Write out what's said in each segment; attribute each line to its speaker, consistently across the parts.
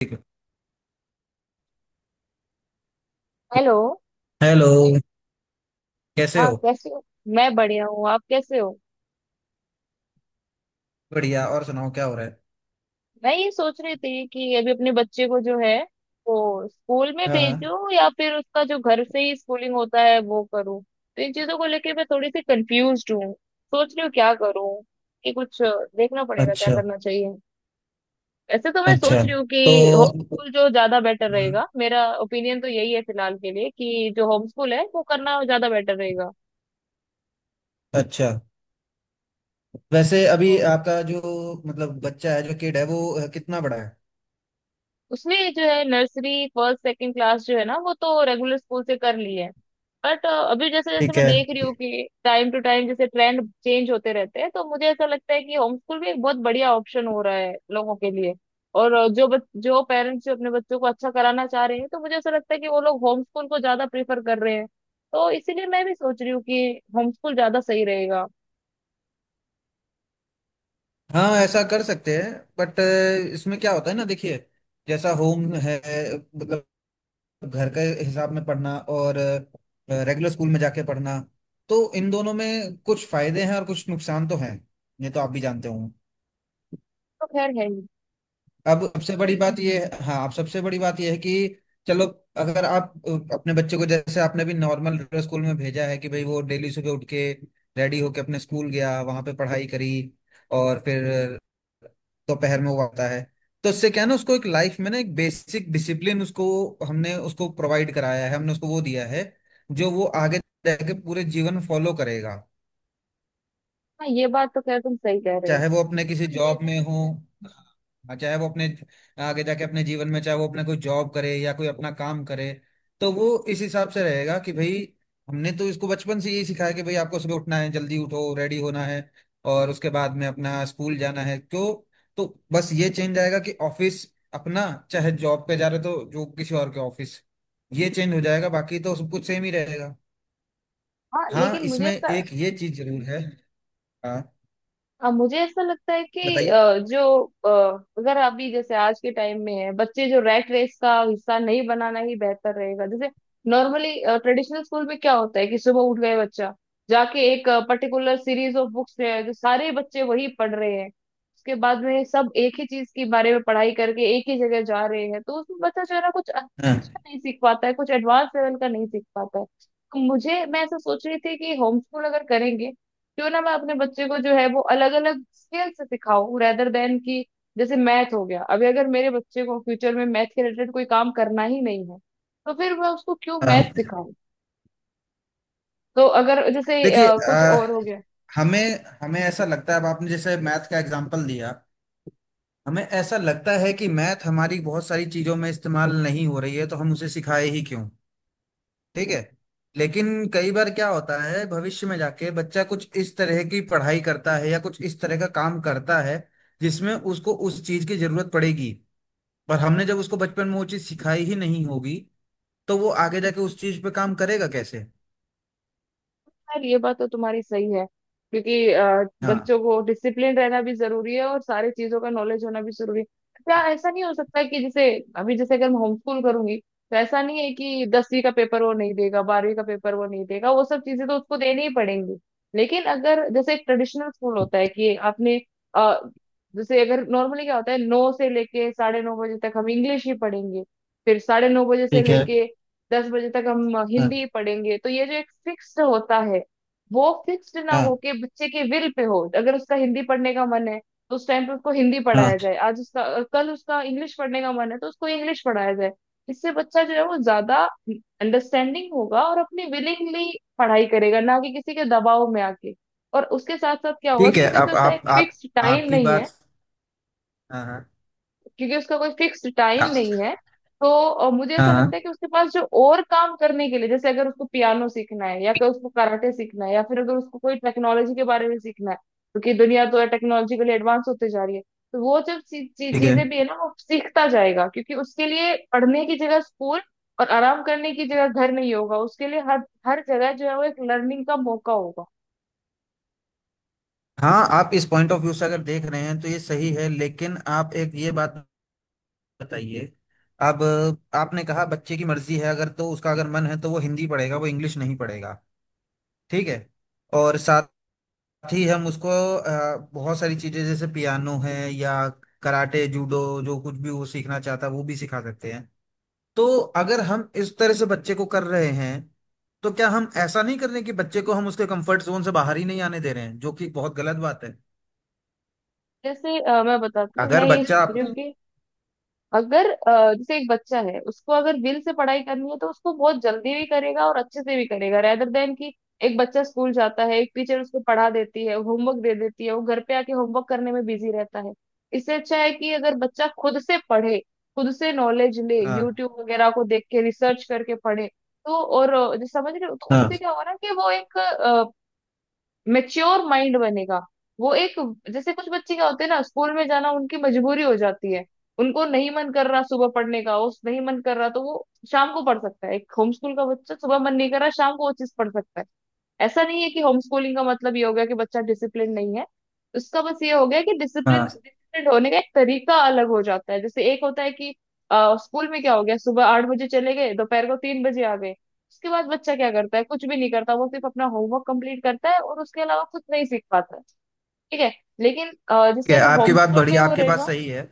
Speaker 1: ठीक है।
Speaker 2: Hello.
Speaker 1: Hello. कैसे
Speaker 2: हाँ
Speaker 1: हो?
Speaker 2: कैसे हो। मैं बढ़िया हूँ, आप कैसे हो?
Speaker 1: बढ़िया। और सुनाओ क्या हो रहा है?
Speaker 2: मैं ये सोच रही थी कि अभी अपने बच्चे को जो है वो स्कूल में
Speaker 1: हाँ हाँ।
Speaker 2: भेजूं या फिर उसका जो घर से ही स्कूलिंग होता है वो करूँ। तो इन चीजों को लेके मैं थोड़ी सी कंफ्यूज्ड हूँ, सोच रही हूँ क्या करूँ कि कुछ देखना पड़ेगा क्या
Speaker 1: अच्छा।
Speaker 2: करना चाहिए। वैसे तो मैं
Speaker 1: अच्छा।
Speaker 2: सोच रही हूँ कि होम
Speaker 1: तो।
Speaker 2: स्कूल जो ज्यादा बेटर
Speaker 1: हम्म।
Speaker 2: रहेगा, मेरा ओपिनियन तो यही है फिलहाल के लिए कि जो होम स्कूल है वो करना ज्यादा बेटर रहेगा।
Speaker 1: अच्छा। वैसे अभी
Speaker 2: तो
Speaker 1: आपका जो मतलब बच्चा है जो किड है वो कितना बड़ा है?
Speaker 2: उसने जो है नर्सरी फर्स्ट सेकंड क्लास जो है ना वो तो रेगुलर स्कूल से कर ली है। बट अभी जैसे जैसे
Speaker 1: ठीक
Speaker 2: मैं
Speaker 1: है।
Speaker 2: देख रही हूँ कि टाइम टू टाइम जैसे ट्रेंड चेंज होते रहते हैं, तो मुझे ऐसा लगता है कि होम स्कूल भी एक बहुत बढ़िया ऑप्शन हो रहा है लोगों के लिए। और जो पेरेंट्स जो अपने बच्चों को अच्छा कराना चाह रहे हैं तो मुझे ऐसा लगता है कि वो लोग होम स्कूल को ज्यादा प्रेफर कर रहे हैं। तो इसीलिए मैं भी सोच रही हूँ कि होम स्कूल ज्यादा सही रहेगा।
Speaker 1: हाँ, ऐसा कर सकते हैं। बट इसमें क्या होता है ना, देखिए। जैसा होम है, मतलब घर के हिसाब में पढ़ना और रेगुलर स्कूल में जाके पढ़ना, तो इन दोनों में कुछ फायदे हैं और कुछ नुकसान तो हैं। ये तो आप भी जानते हो।
Speaker 2: तो खैर है ही।
Speaker 1: अब सबसे बड़ी बात यह है, हाँ, अब सबसे बड़ी बात यह है कि चलो, अगर आप अपने बच्चे को, जैसे आपने भी नॉर्मल स्कूल में भेजा है कि भाई वो डेली सुबह उठ के रेडी होके अपने स्कूल गया, वहां पे पढ़ाई करी और फिर दोपहर में वो आता है, तो इससे क्या है ना, उसको एक लाइफ में ना एक बेसिक डिसिप्लिन उसको हमने उसको प्रोवाइड कराया है, हमने उसको वो दिया है जो वो आगे जाके पूरे जीवन फॉलो करेगा।
Speaker 2: हाँ ये बात तो खैर तुम सही कह रहे हो।
Speaker 1: चाहे वो अपने किसी जॉब में हो, हाँ, चाहे वो अपने आगे जाके अपने जीवन में चाहे वो अपने कोई जॉब करे या कोई अपना काम करे, तो वो इस हिसाब से रहेगा कि भाई हमने तो इसको बचपन से यही सिखाया कि भाई आपको सुबह उठना है, जल्दी उठो, रेडी होना है और उसके बाद में अपना स्कूल जाना है, क्यों। तो बस ये चेंज आएगा कि ऑफिस अपना चाहे जॉब पे जा रहे तो जो किसी और के ऑफिस, ये चेंज हो जाएगा, बाकी तो सब कुछ सेम ही रहेगा।
Speaker 2: हाँ
Speaker 1: हाँ,
Speaker 2: लेकिन मुझे
Speaker 1: इसमें
Speaker 2: ऐसा
Speaker 1: एक ये चीज जरूर है। हाँ।
Speaker 2: अब मुझे ऐसा लगता है कि
Speaker 1: बताइए।
Speaker 2: जो अगर अभी जैसे आज के टाइम में है बच्चे जो रैट रेस का हिस्सा नहीं बनाना ही बेहतर रहेगा। जैसे नॉर्मली ट्रेडिशनल स्कूल में क्या होता है कि सुबह उठ गए बच्चा जाके एक पर्टिकुलर सीरीज ऑफ बुक्स है जो सारे बच्चे वही पढ़ रहे हैं। उसके बाद में सब एक ही चीज के बारे में पढ़ाई करके एक ही जगह जा रहे हैं, तो उसमें बच्चा जो है ना कुछ अच्छा
Speaker 1: हाँ
Speaker 2: नहीं सीख पाता है, कुछ एडवांस लेवल का नहीं सीख पाता है। तो मुझे मैं ऐसा सोच रही थी कि होम स्कूल अगर करेंगे क्यों ना मैं अपने बच्चे को जो है वो अलग अलग स्केल से सिखाऊं रेदर देन कि जैसे मैथ हो गया। अभी अगर मेरे बच्चे को फ्यूचर में मैथ के रिलेटेड कोई काम करना ही नहीं है, तो फिर मैं उसको क्यों मैथ
Speaker 1: हाँ।
Speaker 2: सिखाऊं? तो अगर जैसे
Speaker 1: देखिए,
Speaker 2: कुछ और हो गया।
Speaker 1: हमें हमें ऐसा लगता है, अब आपने जैसे मैथ का एग्जांपल दिया। हमें ऐसा लगता है कि मैथ हमारी बहुत सारी चीजों में इस्तेमाल नहीं हो रही है, तो हम उसे सिखाए ही क्यों। ठीक है, लेकिन कई बार क्या होता है भविष्य में जाके बच्चा कुछ इस तरह की पढ़ाई करता है या कुछ इस तरह का काम करता है जिसमें उसको उस चीज की जरूरत पड़ेगी, पर हमने जब उसको बचपन में वो चीज सिखाई ही नहीं होगी तो वो आगे जाके उस चीज पे काम करेगा कैसे।
Speaker 2: खैर ये बात तो तुम्हारी सही है क्योंकि
Speaker 1: हाँ।
Speaker 2: बच्चों को डिसिप्लिन रहना भी जरूरी है और सारी चीजों का नॉलेज होना भी जरूरी है। क्या ऐसा नहीं हो सकता कि जैसे अभी जैसे अगर मैं होम स्कूल करूंगी तो ऐसा नहीं है कि दसवीं का पेपर वो नहीं देगा, बारहवीं का पेपर वो नहीं देगा, वो सब चीजें तो उसको देनी ही पड़ेंगी। लेकिन अगर जैसे एक ट्रेडिशनल स्कूल होता है कि आपने अ, जैसे अगर नॉर्मली क्या होता है 9 से लेके 9:30 बजे तक हम इंग्लिश ही पढ़ेंगे, फिर साढ़े नौ बजे से
Speaker 1: ठीक है।
Speaker 2: लेके दस बजे तक हम हिंदी
Speaker 1: हाँ
Speaker 2: ही पढ़ेंगे, तो ये जो एक फिक्स्ड होता है वो फिक्स्ड ना
Speaker 1: हाँ
Speaker 2: होके बच्चे के विल पे हो। अगर उसका हिंदी पढ़ने का मन है तो उस टाइम पे उसको हिंदी
Speaker 1: हाँ।
Speaker 2: पढ़ाया जाए, आज उसका कल उसका इंग्लिश पढ़ने का मन है तो उसको इंग्लिश पढ़ाया जाए। इससे बच्चा जो है वो ज्यादा अंडरस्टैंडिंग होगा और अपनी विलिंगली पढ़ाई करेगा ना कि किसी के दबाव में आके। और उसके साथ साथ क्या होगा
Speaker 1: ठीक है,
Speaker 2: कि क्योंकि
Speaker 1: अब
Speaker 2: उसका एक
Speaker 1: आप
Speaker 2: फिक्स्ड टाइम
Speaker 1: आपकी
Speaker 2: नहीं है,
Speaker 1: बात। हाँ हाँ।
Speaker 2: क्योंकि उसका कोई फिक्स टाइम
Speaker 1: आ-
Speaker 2: नहीं है तो मुझे ऐसा लगता है
Speaker 1: हाँ।
Speaker 2: कि उसके पास जो और काम करने के लिए जैसे अगर उसको पियानो सीखना है या फिर उसको कराटे सीखना है या फिर अगर उसको कोई टेक्नोलॉजी के बारे में सीखना है क्योंकि दुनिया तो टेक्नोलॉजिकली एडवांस होते जा रही है, तो वो जब
Speaker 1: ठीक है।
Speaker 2: चीजें भी है ना वो सीखता जाएगा क्योंकि उसके लिए पढ़ने की जगह स्कूल और आराम करने की जगह घर नहीं होगा, उसके लिए हर हर जगह जो है वो एक लर्निंग का मौका होगा।
Speaker 1: हाँ, आप इस पॉइंट ऑफ व्यू से अगर देख रहे हैं तो ये सही है, लेकिन आप एक ये बात बताइए। अब आपने कहा बच्चे की मर्जी है, अगर तो उसका अगर मन है तो वो हिंदी पढ़ेगा, वो इंग्लिश नहीं पढ़ेगा। ठीक है। और साथ ही हम उसको बहुत सारी चीजें जैसे पियानो है या कराटे जूडो, जो कुछ भी वो सीखना चाहता है वो भी सिखा सकते हैं। तो अगर हम इस तरह से बच्चे को कर रहे हैं तो क्या हम ऐसा नहीं कर रहे कि बच्चे को हम उसके कंफर्ट जोन से बाहर ही नहीं आने दे रहे हैं जो कि बहुत गलत बात है।
Speaker 2: जैसे मैं बताती हूँ,
Speaker 1: अगर
Speaker 2: मैं ये
Speaker 1: बच्चा
Speaker 2: सोच रही
Speaker 1: आप।
Speaker 2: हूँ कि अगर जैसे एक बच्चा है उसको अगर विल से पढ़ाई करनी है तो उसको बहुत जल्दी भी करेगा और अच्छे से भी करेगा रेदर देन कि एक बच्चा स्कूल जाता है एक टीचर उसको पढ़ा देती है, होमवर्क दे देती है, वो घर पे आके होमवर्क करने में बिजी रहता है। इससे अच्छा है कि अगर बच्चा खुद से पढ़े, खुद से नॉलेज ले,
Speaker 1: हाँ
Speaker 2: यूट्यूब वगैरह को देख के रिसर्च करके पढ़े। तो और जो समझ रहे हो तो
Speaker 1: हाँ
Speaker 2: उससे क्या होगा ना कि वो एक मेच्योर माइंड बनेगा। वो एक जैसे कुछ बच्चे क्या होते हैं ना स्कूल में जाना उनकी मजबूरी हो जाती है, उनको नहीं मन कर रहा सुबह पढ़ने का, उस नहीं मन कर रहा तो वो शाम को पढ़ सकता है। एक होम स्कूल का बच्चा सुबह मन नहीं कर रहा शाम को वो चीज पढ़ सकता है। ऐसा नहीं है कि होम स्कूलिंग का मतलब ये हो गया कि बच्चा डिसिप्लिन नहीं है, उसका बस ये हो गया कि डिसिप्लिन
Speaker 1: हाँ।
Speaker 2: डिसिप्लिन होने का एक तरीका अलग हो जाता है। जैसे एक होता है कि स्कूल में क्या हो गया सुबह 8 बजे चले गए, दोपहर को 3 बजे आ गए, उसके बाद बच्चा क्या करता है, कुछ भी नहीं करता, वो सिर्फ अपना होमवर्क कंप्लीट करता है और उसके अलावा कुछ नहीं सीख पाता है। ठीक है, लेकिन
Speaker 1: ठीक
Speaker 2: जैसे
Speaker 1: है,
Speaker 2: अगर
Speaker 1: आपकी
Speaker 2: होम
Speaker 1: बात
Speaker 2: स्कूल में
Speaker 1: बढ़िया,
Speaker 2: वो
Speaker 1: आपकी बात
Speaker 2: रहेगा।
Speaker 1: सही है।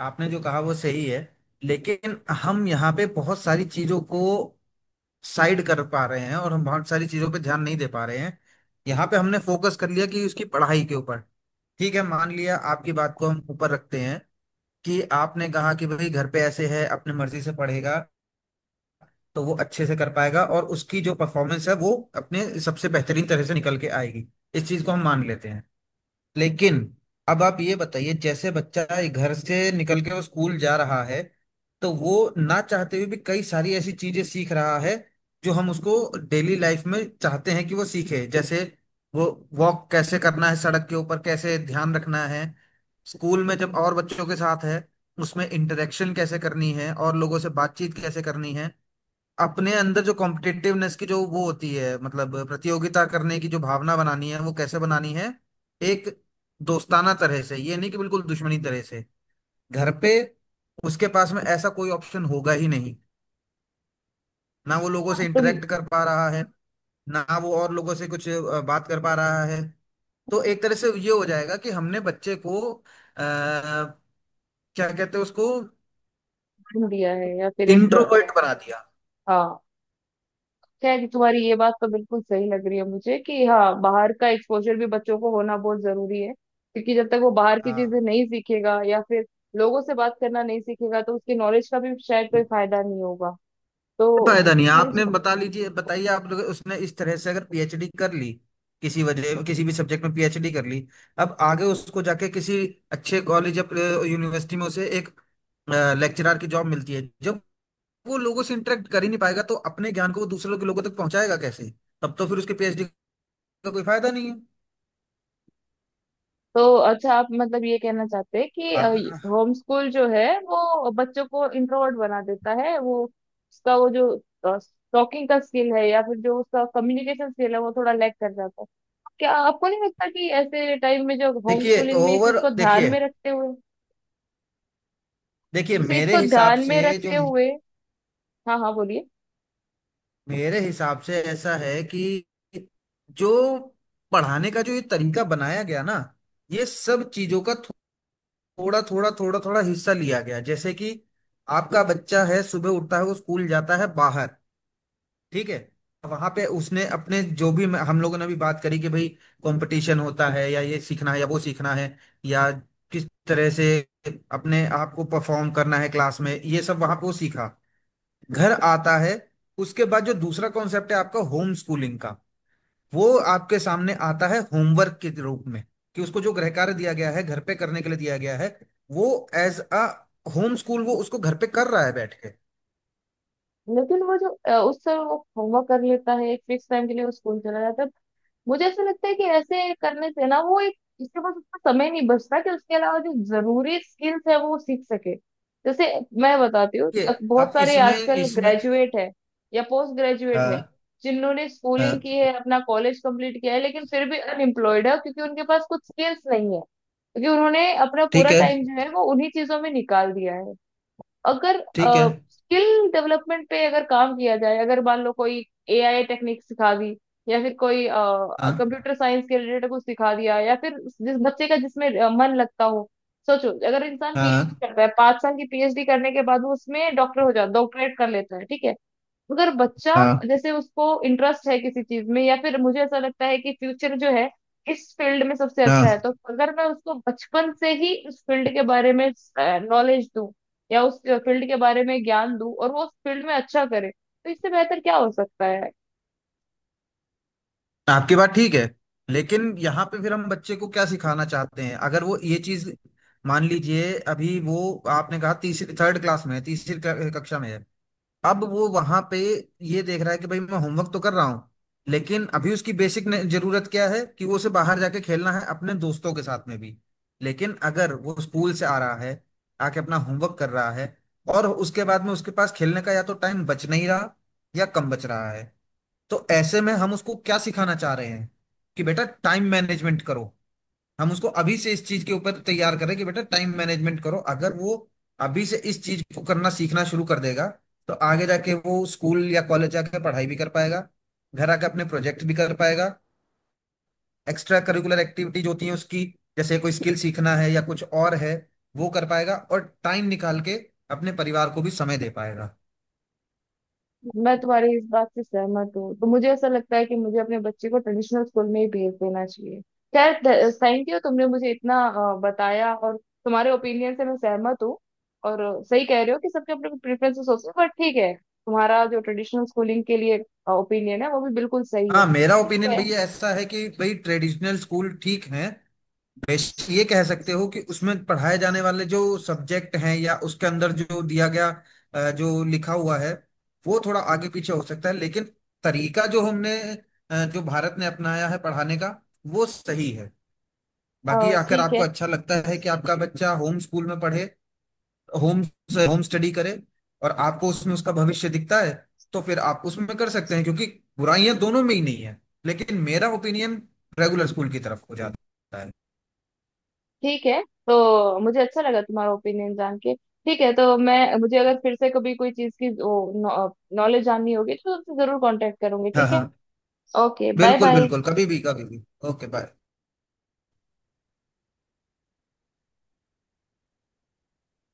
Speaker 1: आपने जो कहा वो सही है। लेकिन हम यहाँ पे बहुत सारी चीजों को साइड कर पा रहे हैं और हम बहुत सारी चीजों पे ध्यान नहीं दे पा रहे हैं। यहाँ पे हमने फोकस कर लिया कि उसकी पढ़ाई के ऊपर। ठीक है, मान लिया आपकी बात को हम ऊपर रखते हैं कि आपने कहा कि भाई घर पे ऐसे है अपने मर्जी से पढ़ेगा तो वो अच्छे से कर पाएगा और उसकी जो परफॉर्मेंस है वो अपने सबसे बेहतरीन तरह से निकल के आएगी। इस चीज को हम मान लेते हैं। लेकिन अब आप ये बताइए, जैसे बच्चा ये घर से निकल के वो स्कूल जा रहा है, तो वो ना चाहते हुए भी कई सारी ऐसी चीजें सीख रहा है जो हम उसको डेली लाइफ में चाहते हैं कि वो सीखे, जैसे वो वॉक कैसे करना है, सड़क के ऊपर कैसे ध्यान रखना है, स्कूल में जब और बच्चों के साथ है उसमें इंटरेक्शन कैसे करनी है और लोगों से बातचीत कैसे करनी है, अपने अंदर जो कॉम्पिटिटिवनेस की जो वो होती है मतलब प्रतियोगिता करने की जो भावना बनानी है वो कैसे बनानी है, एक दोस्ताना तरह से, ये नहीं कि बिल्कुल दुश्मनी तरह से। घर पे उसके पास में ऐसा कोई ऑप्शन होगा ही नहीं। ना वो लोगों से
Speaker 2: हाँ, तुम
Speaker 1: इंटरेक्ट कर पा रहा है, ना वो और लोगों से कुछ बात कर पा रहा है। तो एक तरह से ये हो जाएगा कि हमने बच्चे को आ, क्या कहते हैं उसको,
Speaker 2: दिया है या फिर एक
Speaker 1: इंट्रोवर्ट बना दिया।
Speaker 2: हाँ। खैर तुम्हारी ये बात तो बिल्कुल सही लग रही है मुझे कि हाँ बाहर का एक्सपोजर भी बच्चों को होना बहुत जरूरी है, क्योंकि जब तक वो बाहर की चीजें
Speaker 1: हाँ।
Speaker 2: नहीं सीखेगा या फिर लोगों से बात करना नहीं सीखेगा तो उसकी नॉलेज का भी शायद कोई फायदा नहीं होगा। तो
Speaker 1: फायदा नहीं है।
Speaker 2: ट्रेडिशनल
Speaker 1: आपने बता लीजिए बताइए, आप लोग उसने इस तरह से अगर पीएचडी कर ली, किसी वजह किसी भी सब्जेक्ट में पीएचडी कर ली, अब आगे उसको जाके किसी अच्छे कॉलेज या यूनिवर्सिटी में उसे एक लेक्चरर की जॉब मिलती है, जब वो लोगों से इंटरेक्ट कर ही नहीं पाएगा तो अपने ज्ञान को वो दूसरे के लोगों तक पहुंचाएगा कैसे। तब तो फिर उसके पीएचडी का कोई फायदा नहीं है।
Speaker 2: तो अच्छा आप मतलब ये कहना चाहते हैं कि
Speaker 1: आप-
Speaker 2: होम स्कूल जो है वो बच्चों को इंट्रोवर्ट बना देता है, वो उसका वो जो टॉकिंग का स्किल है या फिर जो उसका कम्युनिकेशन स्किल है वो थोड़ा लैक कर जाता है। क्या आपको नहीं लगता कि ऐसे टाइम में जो होम
Speaker 1: देखिए
Speaker 2: स्कूलिंग में इस चीज
Speaker 1: ओवर
Speaker 2: को ध्यान
Speaker 1: देखिए
Speaker 2: में रखते हुए
Speaker 1: देखिए,
Speaker 2: जैसे
Speaker 1: मेरे
Speaker 2: इसको
Speaker 1: हिसाब
Speaker 2: ध्यान
Speaker 1: से
Speaker 2: में
Speaker 1: जो,
Speaker 2: रखते हुए हाँ हाँ बोलिए।
Speaker 1: मेरे हिसाब से ऐसा है कि जो पढ़ाने का जो ये तरीका बनाया गया ना, ये सब चीजों का थोड़ा थोड़ा थोड़ा थोड़ा हिस्सा लिया गया, जैसे कि आपका बच्चा है सुबह उठता है वो स्कूल जाता है बाहर। ठीक है। वहां पे उसने अपने जो भी, हम लोगों ने भी बात करी कि भाई कंपटीशन होता है या ये सीखना है या वो सीखना है, या किस तरह से अपने आप को परफॉर्म करना है क्लास में, ये सब वहां पे वो सीखा। घर आता है। उसके बाद जो दूसरा कॉन्सेप्ट है आपका होम स्कूलिंग का, वो आपके सामने आता है होमवर्क के रूप में, कि उसको जो गृह कार्य दिया गया है, घर पे करने के लिए दिया गया है, वो एज अ होम स्कूल वो उसको घर पे कर रहा है बैठ के।
Speaker 2: लेकिन वो जो उस समय वो होमवर्क कर लेता है एक फिक्स टाइम के लिए वो स्कूल चला जाता है। मुझे ऐसा लगता है कि ऐसे करने से ना वो एक इसके पास उतना समय नहीं बचता कि उसके अलावा जो जरूरी स्किल्स है वो सीख सके। जैसे मैं बताती हूँ,
Speaker 1: ये
Speaker 2: बहुत
Speaker 1: अब
Speaker 2: सारे
Speaker 1: इसमें
Speaker 2: आजकल
Speaker 1: इसमें
Speaker 2: ग्रेजुएट है या पोस्ट ग्रेजुएट है
Speaker 1: हाँ
Speaker 2: जिन्होंने स्कूलिंग
Speaker 1: हाँ।
Speaker 2: की है, अपना कॉलेज कंप्लीट किया है, लेकिन फिर भी अनएम्प्लॉयड है क्योंकि उनके पास कुछ स्किल्स नहीं है, क्योंकि उन्होंने अपना
Speaker 1: ठीक
Speaker 2: पूरा
Speaker 1: है।
Speaker 2: टाइम जो है वो उन्हीं चीजों में निकाल दिया है। अगर
Speaker 1: ठीक है।
Speaker 2: स्किल डेवलपमेंट पे अगर काम किया जाए, अगर मान लो कोई एआई टेक्निक सिखा दी या फिर कोई
Speaker 1: हाँ
Speaker 2: कंप्यूटर साइंस के रिलेटेड कुछ सिखा दिया या फिर जिस बच्चे का जिसमें मन लगता हो। सोचो अगर इंसान
Speaker 1: हाँ
Speaker 2: पीएचडी करता है, 5 साल की पीएचडी करने के बाद वो उसमें डॉक्टर हो जाता, डॉक्टरेट कर लेता है, ठीक है। अगर बच्चा
Speaker 1: हाँ
Speaker 2: जैसे उसको इंटरेस्ट है किसी चीज में या फिर मुझे ऐसा लगता है कि फ्यूचर जो है इस फील्ड में सबसे अच्छा है,
Speaker 1: हाँ।
Speaker 2: तो अगर मैं उसको बचपन से ही उस फील्ड के बारे में नॉलेज दूं या उस फील्ड के बारे में ज्ञान दूं और वो उस फील्ड में अच्छा करे, तो इससे बेहतर क्या हो सकता है?
Speaker 1: आपकी बात ठीक है, लेकिन यहाँ पे फिर हम बच्चे को क्या सिखाना चाहते हैं अगर वो ये चीज, मान लीजिए अभी वो आपने कहा तीसरी थर्ड क्लास में है, तीसरी कक्षा में है, अब वो वहां पे ये देख रहा है कि भाई मैं होमवर्क तो कर रहा हूँ, लेकिन अभी उसकी बेसिक जरूरत क्या है कि वो उसे बाहर जाके खेलना है अपने दोस्तों के साथ में भी। लेकिन अगर वो स्कूल से आ रहा है आके अपना होमवर्क कर रहा है और उसके बाद में उसके पास खेलने का या तो टाइम बच नहीं रहा या कम बच रहा है, तो ऐसे में हम उसको क्या सिखाना चाह रहे हैं कि बेटा टाइम मैनेजमेंट करो। हम उसको अभी से इस चीज के ऊपर तैयार करें कि बेटा टाइम मैनेजमेंट करो, अगर वो अभी से इस चीज को करना सीखना शुरू कर देगा तो आगे जाके वो स्कूल या कॉलेज जाकर पढ़ाई भी कर पाएगा, घर आकर अपने प्रोजेक्ट भी कर पाएगा, एक्स्ट्रा करिकुलर एक्टिविटीज होती हैं उसकी, जैसे कोई स्किल सीखना है या कुछ और है, वो कर पाएगा और टाइम निकाल के अपने परिवार को भी समय दे पाएगा।
Speaker 2: मैं तुम्हारी इस बात से सहमत हूँ, तो मुझे ऐसा लगता है कि मुझे अपने बच्चे को ट्रेडिशनल स्कूल में ही भेज देना चाहिए। खैर थैंक यू तुमने मुझे इतना बताया और तुम्हारे ओपिनियन से मैं सहमत हूँ। और सही कह रहे हो कि सबके अपने प्रेफरेंसेस होते हैं, बट ठीक है तुम्हारा जो ट्रेडिशनल स्कूलिंग के लिए ओपिनियन है वो भी बिल्कुल सही है,
Speaker 1: हाँ, मेरा
Speaker 2: ठीक
Speaker 1: ओपिनियन
Speaker 2: है।
Speaker 1: भैया ऐसा है कि भाई ट्रेडिशनल स्कूल ठीक है। निवेश, ये कह सकते हो कि उसमें पढ़ाए जाने वाले जो सब्जेक्ट हैं या उसके अंदर जो दिया गया जो लिखा हुआ है वो थोड़ा आगे पीछे हो सकता है, लेकिन तरीका जो हमने जो भारत ने अपनाया है पढ़ाने का वो सही है।
Speaker 2: अ,
Speaker 1: बाकी आकर
Speaker 2: ठीक
Speaker 1: आपको
Speaker 2: है।
Speaker 1: अच्छा लगता है कि आपका बच्चा होम स्कूल में पढ़े, होम होम स्टडी करे और आपको उसमें उसका भविष्य दिखता है तो फिर आप उसमें कर सकते हैं, क्योंकि बुराइयां दोनों में ही नहीं है। लेकिन मेरा ओपिनियन रेगुलर स्कूल की तरफ हो जाता है।
Speaker 2: ठीक है तो मुझे अच्छा लगा तुम्हारा ओपिनियन जान के। ठीक है तो मैं मुझे अगर फिर से कभी कोई चीज़ की नॉलेज जाननी होगी तो तुमसे जरूर कांटेक्ट करूंगी,
Speaker 1: हाँ
Speaker 2: ठीक
Speaker 1: हाँ।
Speaker 2: है। ओके बाय
Speaker 1: बिल्कुल
Speaker 2: बाय।
Speaker 1: बिल्कुल, कभी भी कभी भी। Okay, bye.